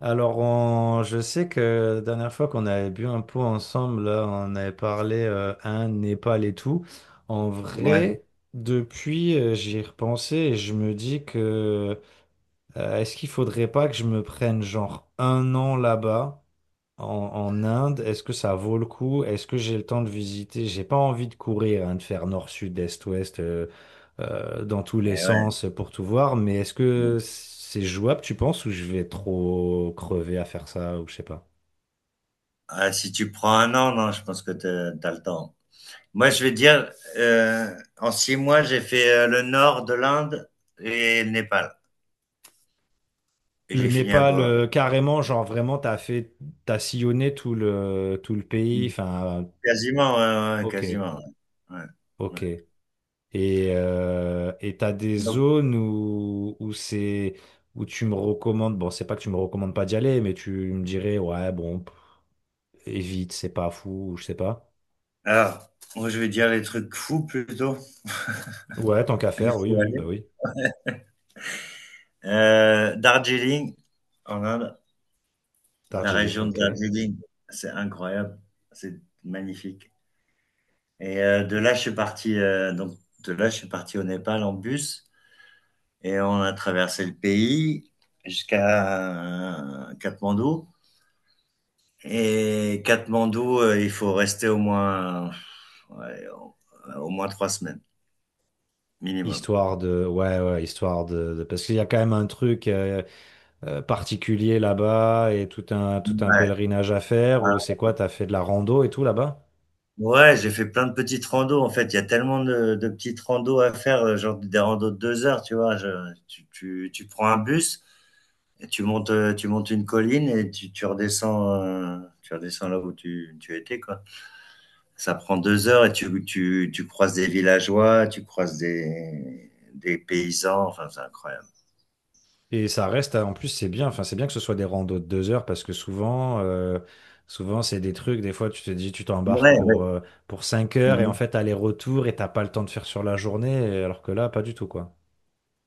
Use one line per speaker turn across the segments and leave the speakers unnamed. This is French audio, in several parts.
Alors, je sais que la dernière fois qu'on avait bu un pot ensemble, là, on avait parlé un Népal et tout. En
Ouais,
vrai, depuis, j'y ai repensé et je me dis que est-ce qu'il faudrait pas que je me prenne genre un an là-bas? En Inde, est-ce que ça vaut le coup? Est-ce que j'ai le temps de visiter? J'ai pas envie de courir, hein, de faire nord, sud, est, ouest, dans tous les
eh ouais.
sens pour tout voir, mais est-ce
Ouais.
que c'est jouable, tu penses, ou je vais trop crever à faire ça, ou je sais pas.
Ah, si tu prends un an, non, je pense que t'as le temps. Moi, je vais dire, en 6 mois, j'ai fait le nord de l'Inde et le Népal. Et
Le
j'ai fini à
Népal,
Goa.
carrément, genre vraiment, t'as sillonné tout le pays, enfin,
Quasiment, ouais, ouais, ouais,
ok,
quasiment. Ouais. Ouais,
ok.
ouais.
Et t'as des
Donc,
zones où tu me recommandes, bon, c'est pas que tu me recommandes pas d'y aller, mais tu me dirais, ouais, bon, pff, évite, c'est pas fou, ou je sais pas.
alors, moi, je vais dire les trucs fous plutôt.
Ouais, tant qu'à
Il
faire, oui,
faut
oui,
aller.
bah oui.
Darjeeling, en Inde, la
Darjeeling,
région de
ok.
Darjeeling, c'est incroyable. C'est magnifique. Et de là, je suis parti, donc, de là, je suis parti au Népal en bus et on a traversé le pays jusqu'à Katmandou. Et Katmandou, il faut rester au moins, ouais, au moins trois semaines minimum.
Ouais, ouais, parce qu'il y a quand même un truc particulier là-bas et tout un
Ouais,
pèlerinage à faire,
ouais,
ou c'est quoi, t'as fait de la rando et tout là-bas?
ouais, j'ai fait plein de petites randos. En fait, il y a tellement de petites randos à faire, genre des randos de 2 heures, tu vois. Tu prends un bus, et tu montes, une colline et tu redescends, là où tu étais, quoi. Ça prend 2 heures et tu croises des villageois, tu croises des paysans, enfin, c'est incroyable.
Et ça reste, en plus, c'est bien. Enfin, c'est bien que ce soit des randos de 2 heures parce que souvent, souvent c'est des trucs. Des fois, tu t'embarques
Ouais,
pour
ouais.
euh, pour 5 heures et en
Mhm.
fait, aller-retour et t'as pas le temps de faire sur la journée. Et alors que là, pas du tout, quoi.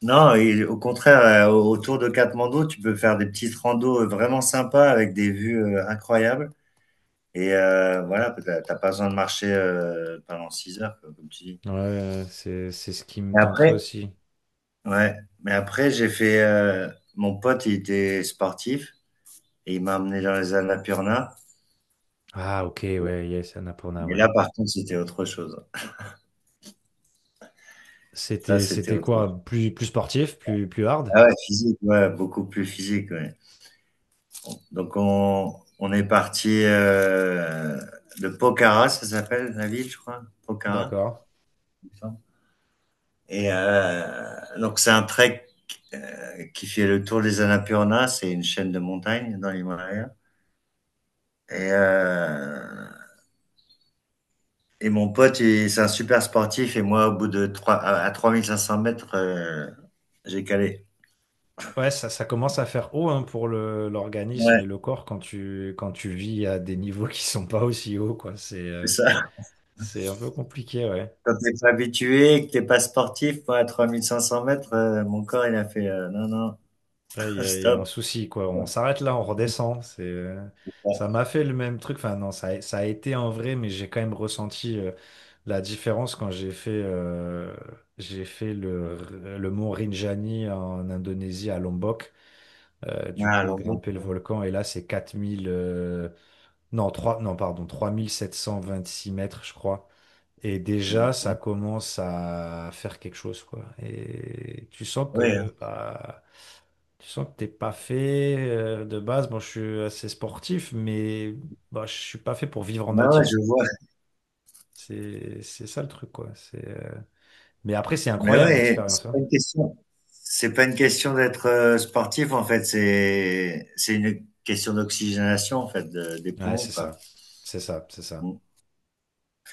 Non, et au contraire, autour de Katmandou, tu peux faire des petites randos vraiment sympas avec des vues incroyables. Et voilà, t'as pas besoin de marcher pendant 6 heures, quoi, comme tu dis.
Ouais, c'est ce qui me
Mais
tenterait
après,
aussi.
ouais, mais après, mon pote, il était sportif, et il m'a amené dans les Annapurna.
Ah, ok, ouais, yes, Annapurna,
Mais
ouais.
là, par contre, c'était autre chose. Là,
C'était
c'était
c'était
autre chose.
quoi? Plus sportif, plus hard?
Ah ouais, physique, ouais, beaucoup plus physique. Ouais. Donc, on est parti de Pokhara, ça s'appelle la ville, je crois. Pokhara.
D'accord.
Et donc, c'est un trek qui fait le tour des Annapurna. C'est une chaîne de montagnes dans l'Himalaya. Et, euh, et mon pote, c'est un super sportif. Et moi, au bout de 3 500 mètres, j'ai calé.
Ouais, ça commence à faire haut hein, pour le l'organisme
Ouais.
et le corps quand tu vis à des niveaux qui sont pas aussi hauts, quoi.
C'est ça.
C'est un peu compliqué, ouais.
Quand t'es pas habitué que t'es pas sportif, moi, à 3 500 mètres, mon corps, il a fait, «Non, non,
Là, il y a, il y a un
stop».
souci, quoi. On s'arrête là, on redescend.
Ouais.
Ça m'a fait le même truc. Enfin, non, ça a été en vrai, mais j'ai quand même ressenti la différence quand j'ai fait le mont Rinjani en Indonésie, à Lombok. Du
Ah,
coup,
l'embout.
grimper le volcan. Et là, c'est 4000... non, 3 non, pardon, 3726 mètres, je crois. Et déjà,
Mmh
ça
mh.
commence à faire quelque chose, quoi. Et tu sens
Ouais, hein.
que, bah, tu sens que t'es pas fait de base. Bon, je suis assez sportif, mais bah, je suis pas fait pour vivre en
Ouais, ouais,
altitude.
je vois.
C'est ça le truc, quoi. Mais après, c'est
Mais
incroyable
ouais,
l'expérience, hein.
c'est pas une question d'être, sportif, en fait, c'est une question d'oxygénation, en fait, de des
Ouais,
poumons,
c'est
quoi.
ça. C'est ça, c'est ça.
Mmh.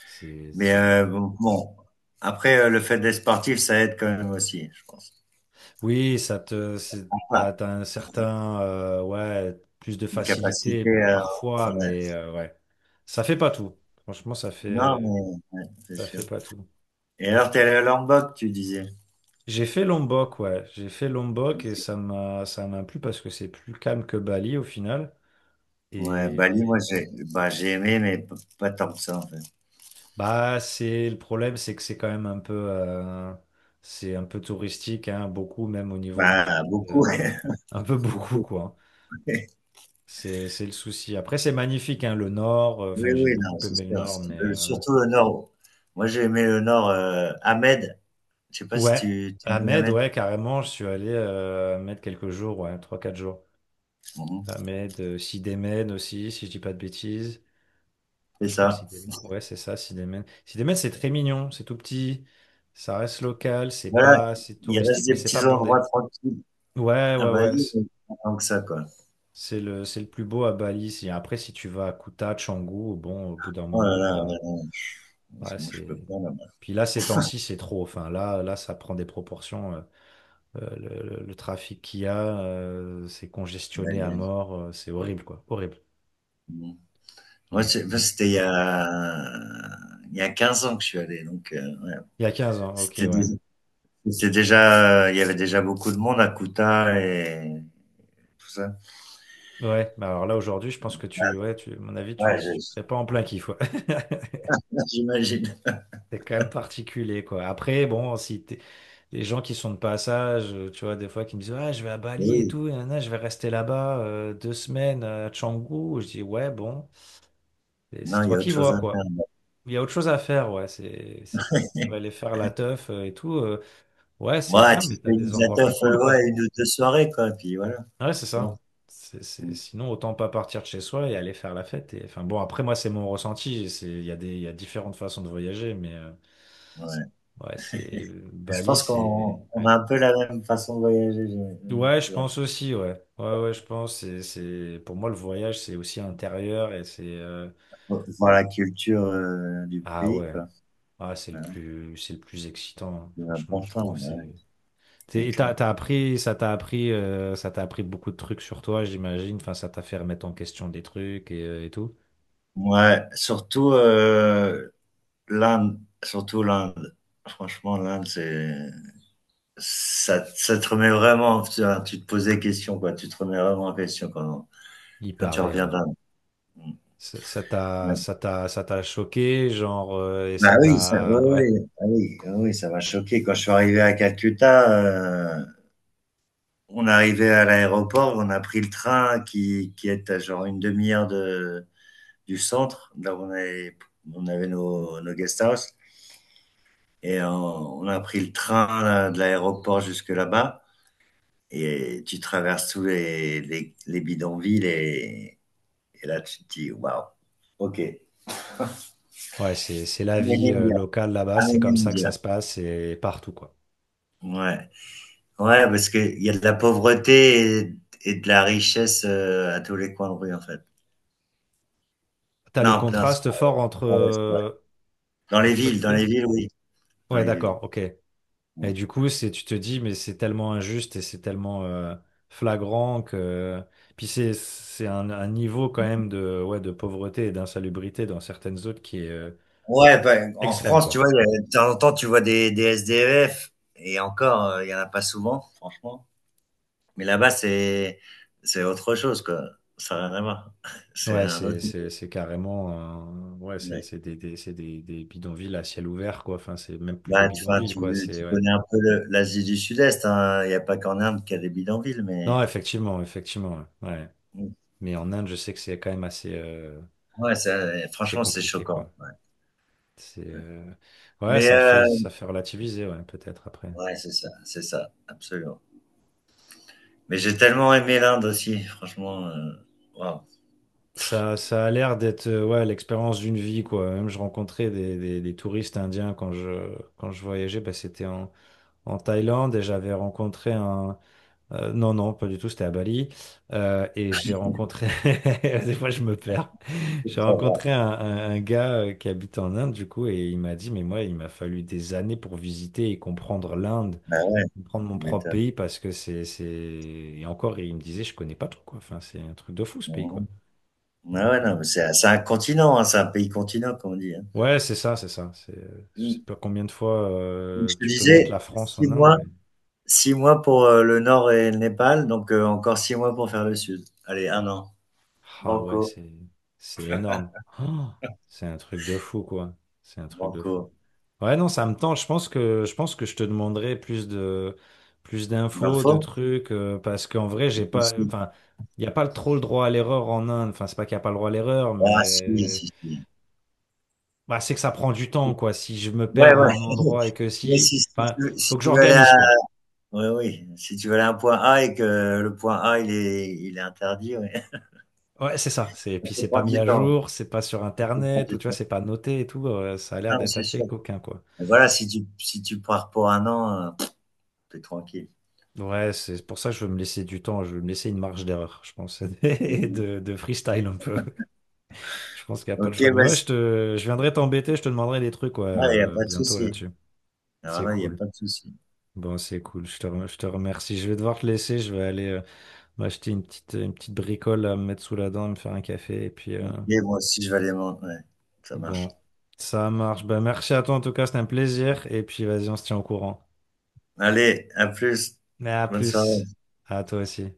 C'est,
Mais
c'est-
bon, après, le fait d'être sportif, ça aide quand même aussi, je pense.
Oui,
Ouais,
t'as un certain, ouais, plus de
une
facilité
capacité, heu,
parfois,
ouais.
mais ouais, ça fait pas tout. Franchement, ça
Non,
fait,
mais ouais, c'est
ça
sûr.
fait pas tout.
Et alors, t'es allé à Lombok, tu disais?
J'ai fait Lombok, ouais, j'ai fait Lombok et ça m'a plu parce que c'est plus calme que Bali au final.
Ouais, Bali, moi,
Et
j'ai aimé, mais pas tant que ça, en fait.
bah, c'est le problème, c'est que c'est quand même c'est un peu touristique, hein, beaucoup même au niveau du, sud,
Bah,
euh,
beaucoup,
un peu beaucoup
beaucoup.
quoi. C'est le souci. Après, c'est magnifique, hein, le Nord.
Oui,
Enfin, j'ai
oui,
beaucoup
non, c'est
aimé le
sûr.
Nord, mais...
Surtout le nord. Moi, j'ai aimé le nord, Ahmed. Je sais pas si
Ouais,
tu dis
Ahmed,
Ahmed.
ouais, carrément, je suis allé à Ahmed quelques jours, ouais, trois quatre jours.
Mhm.
Ahmed, Sidémène aussi, si je dis pas de bêtises. Ah,
C'est
je crois que
ça.
Sidémène, ouais, c'est ça, Sidémène. Sidémène, c'est très mignon, c'est tout petit, ça reste local, c'est
Voilà,
pas, c'est
il
touristique,
reste
mais
des
c'est pas
petits endroits
bondé.
tranquilles
Ouais,
à
ouais, ouais,
Bali, mais pas tant que ça, quoi.
c'est le plus beau à Bali. Après, si tu vas à Kuta, Canggu, bon, au bout d'un
Oh là
moment,
là, ouais, non,
ouais,
moi, je peux
c'est...
pas, là-bas.
Puis là, ces temps-ci, c'est trop. Enfin, là, là, ça prend des proportions. Le trafic qu'il y a, c'est congestionné à
Bali.
mort. C'est horrible, quoi. Horrible.
Mhm. Moi,
Mais bon.
c'était il y a 15 ans que je suis allé, donc…
Il y a 15 ans, ok,
C'était dé
ouais.
c'était déjà, il y avait déjà beaucoup de monde à Kuta et tout ça.
Ouais, mais alors là, aujourd'hui, je pense que
Ah
tu, ouais, tu, à mon avis,
ouais,
tu,
je
tu serais pas en plein kiff, ouais.
j'imagine.
C'est quand même particulier, quoi. Après, bon, si t'es- les gens qui sont de passage, tu vois, des fois, qui me disent, ah, je vais à Bali et
Oui,
tout, et nanana, je vais rester là-bas 2 semaines à Canggu, je dis, ouais, bon, c'est
non, il y
toi
a
qui
autre chose
vois,
à faire.
quoi. Il y a autre chose à faire, ouais. Tu dois aller faire la teuf et tout. Ouais, c'est
Ouais,
bien,
tu
mais
te fais
t'as
une
des endroits
zateuf,
plus cool,
ouais,
quoi.
une ou 2 soirées quoi, puis voilà,
Ouais, c'est
c'est bon.
ça.
Mmh,
Sinon, autant pas partir de chez soi et aller faire la fête. Et, enfin, bon, après, moi, c'est mon ressenti. Il y a différentes façons de voyager, mais
ouais.
ouais, c'est
Je
Bali,
pense
c'est.
qu'on
Ouais.
a un peu la même façon de voyager, je mmh,
Ouais, je
je
pense aussi, ouais. Ouais, ouais, je pense. Pour moi, le voyage, c'est aussi intérieur et c'est.
vois voir la culture, du
Ah
pays
ouais.
quoi.
Ah, c'est le
Bah ouais,
plus, c'est le plus excitant, hein.
c'est
Franchement, je
important,
trouve.
ouais,
C'est.
c'est
Et
clair.
ça t'a appris beaucoup de trucs sur toi, j'imagine. Enfin, ça t'a fait remettre en question des trucs et tout.
Ouais, surtout, surtout l'Inde. Franchement, l'Inde, ça te remet vraiment, tu, vois, tu te posais question, quoi. Tu te remets vraiment en question quand,
Il
quand tu
paraît,
reviens
ouais.
d'Inde. Mm.
Ça ça t'a,
Ouais.
ça t'a, ça t'a choqué, genre, et
Bah oui, ça, oui,
ouais.
oui, ah oui, ah oui, ça m'a choqué. Quand je suis arrivé à Calcutta, euh, on arrivait à l'aéroport, on a pris le train qui est à genre une demi-heure de, du centre, là où on avait nos guest house, et on a pris le train là, de l'aéroport jusque là-bas. Et tu traverses tous les bidonvilles et là, tu te dis, waouh, ok. I'm
Ouais, c'est la
an
vie,
Indian.
locale là-bas.
I'm
C'est comme
an
ça que ça
Indian.
se passe et partout, quoi.
Ouais, ouais, parce qu'il y a de la pauvreté et de la richesse à tous les coins de rue, en fait.
T'as le
Non, non, c'est
contraste fort entre,
pas vrai, c'est vrai.
euh, entre les
Dans
deux.
les villes, oui. Dans
Ouais,
les villes.
d'accord, ok. Et
Mm.
du coup, tu te dis, mais c'est tellement injuste et c'est tellement flagrant que. Puis c'est un niveau quand même de, ouais, de pauvreté et d'insalubrité dans certaines zones qui est
Ouais, ben, en
extrême,
France, tu
quoi.
vois, de temps en temps, tu vois des SDF, et encore, il y en a pas souvent, franchement. Mais là-bas, c'est autre chose, quoi. Ça n'a rien à voir. C'est
Ouais,
un
c'est,
autre
c'est,
niveau.
c'est carrément. Ouais, c'est,
Ouais.
c'est des, des, c'est des, des bidonvilles à ciel ouvert, quoi. Enfin, c'est même plus des bidonvilles,
Tu
quoi. C'est,
tu
ouais.
connais un peu l'Asie du Sud-Est, hein. Il n'y a pas qu'en Inde qu'il y a des bidonvilles, mais
Non, effectivement, effectivement. Ouais. Ouais. Mais en Inde, je sais que c'est quand même assez
ouais,
c'est
franchement, c'est
compliqué,
choquant.
quoi.
Ouais,
C'est,
ouais.
euh, Ouais,
Mais
ça fait, ça fait relativiser, ouais, peut-être après.
ouais, c'est ça, absolument. Mais j'ai tellement aimé l'Inde aussi, franchement. Waouh.
Ça a l'air d'être ouais, l'expérience d'une vie, quoi. Même je rencontrais des touristes indiens quand je voyageais, bah, c'était en, Thaïlande et j'avais rencontré non, non, pas du tout, c'était à Bali. Et j'ai rencontré... Des fois, je me perds. J'ai
Ça va.
rencontré un gars qui habite en Inde, du coup, et il m'a dit, mais moi, il m'a fallu des années pour visiter et comprendre l'Inde,
Bah ouais,
comprendre mon
tu
propre
m'étonnes.
pays, parce que Et encore, il me disait, je connais pas trop, quoi. Enfin, c'est un truc de fou, ce pays, quoi.
Mhm. Ah
Donc...
ouais, non,
euh,
mais c'est un continent, hein, c'est un pays continent, comme on dit, hein.
Ouais, c'est ça, c'est ça. C'est, je sais
Mm.
pas combien de fois
Donc, je te
tu peux mettre la
disais,
France
six
en Inde,
mois,
mais
6 mois pour, le nord et le Népal, donc encore 6 mois pour faire le sud. Allez, un an.
ah ouais,
Banco,
c'est énorme. Ah, c'est un truc de fou, quoi. C'est un truc de fou.
banco.
Ouais, non, ça me tente. Je pense que je te demanderai plus de plus
Il
d'infos, de trucs, parce qu'en vrai,
Si,
j'ai pas,
si.
enfin, il y a pas trop le droit à l'erreur en Inde. Enfin, c'est pas qu'il y a pas le droit à l'erreur,
Ah si,
mais
si, si.
bah, c'est que ça prend du temps, quoi. Si je me
Ouais,
perds à
ouais.
un endroit et que
Mais
si,
si si tu
enfin,
veux si
faut que
tu veux aller à
j'organise, quoi.
oui, oui, si tu veux aller à un point A et que le point A, il est interdit, oui.
Ouais, c'est ça. C'est,
Ça
puis
peut
c'est pas
prendre
mis
du
à
temps,
jour, c'est pas sur
ça peut prendre
Internet, ou
du
tu vois,
temps.
c'est pas noté et tout. Ça a l'air
Non, mais
d'être
c'est
assez
sûr.
coquin, quoi.
Mais voilà, si tu pars pour un an, tu es tranquille.
Ouais, c'est pour ça que je veux me laisser du temps, je veux me laisser une marge d'erreur, je pense, et
Mmh.
de freestyle un peu. Je pense qu'il n'y a
OK,
pas le choix. Mais ouais, je viendrai t'embêter, je te demanderai des trucs, ouais,
ah, il y a pas de
bientôt
souci.
là-dessus.
Alors
C'est
là, il y a
cool.
pas de souci.
Bon, c'est cool. Je te remercie. Je vais devoir te laisser. Je vais aller m'acheter une petite bricole à me mettre sous la dent, me faire un café, et puis,
Ok, moi aussi, je vais aller manger. Ouais, ça marche.
Bon, ça marche. Ben, merci à toi en tout cas, c'était un plaisir. Et puis vas-y, on se tient au courant.
Allez, à plus.
Mais à
Bonne soirée.
plus. À toi aussi.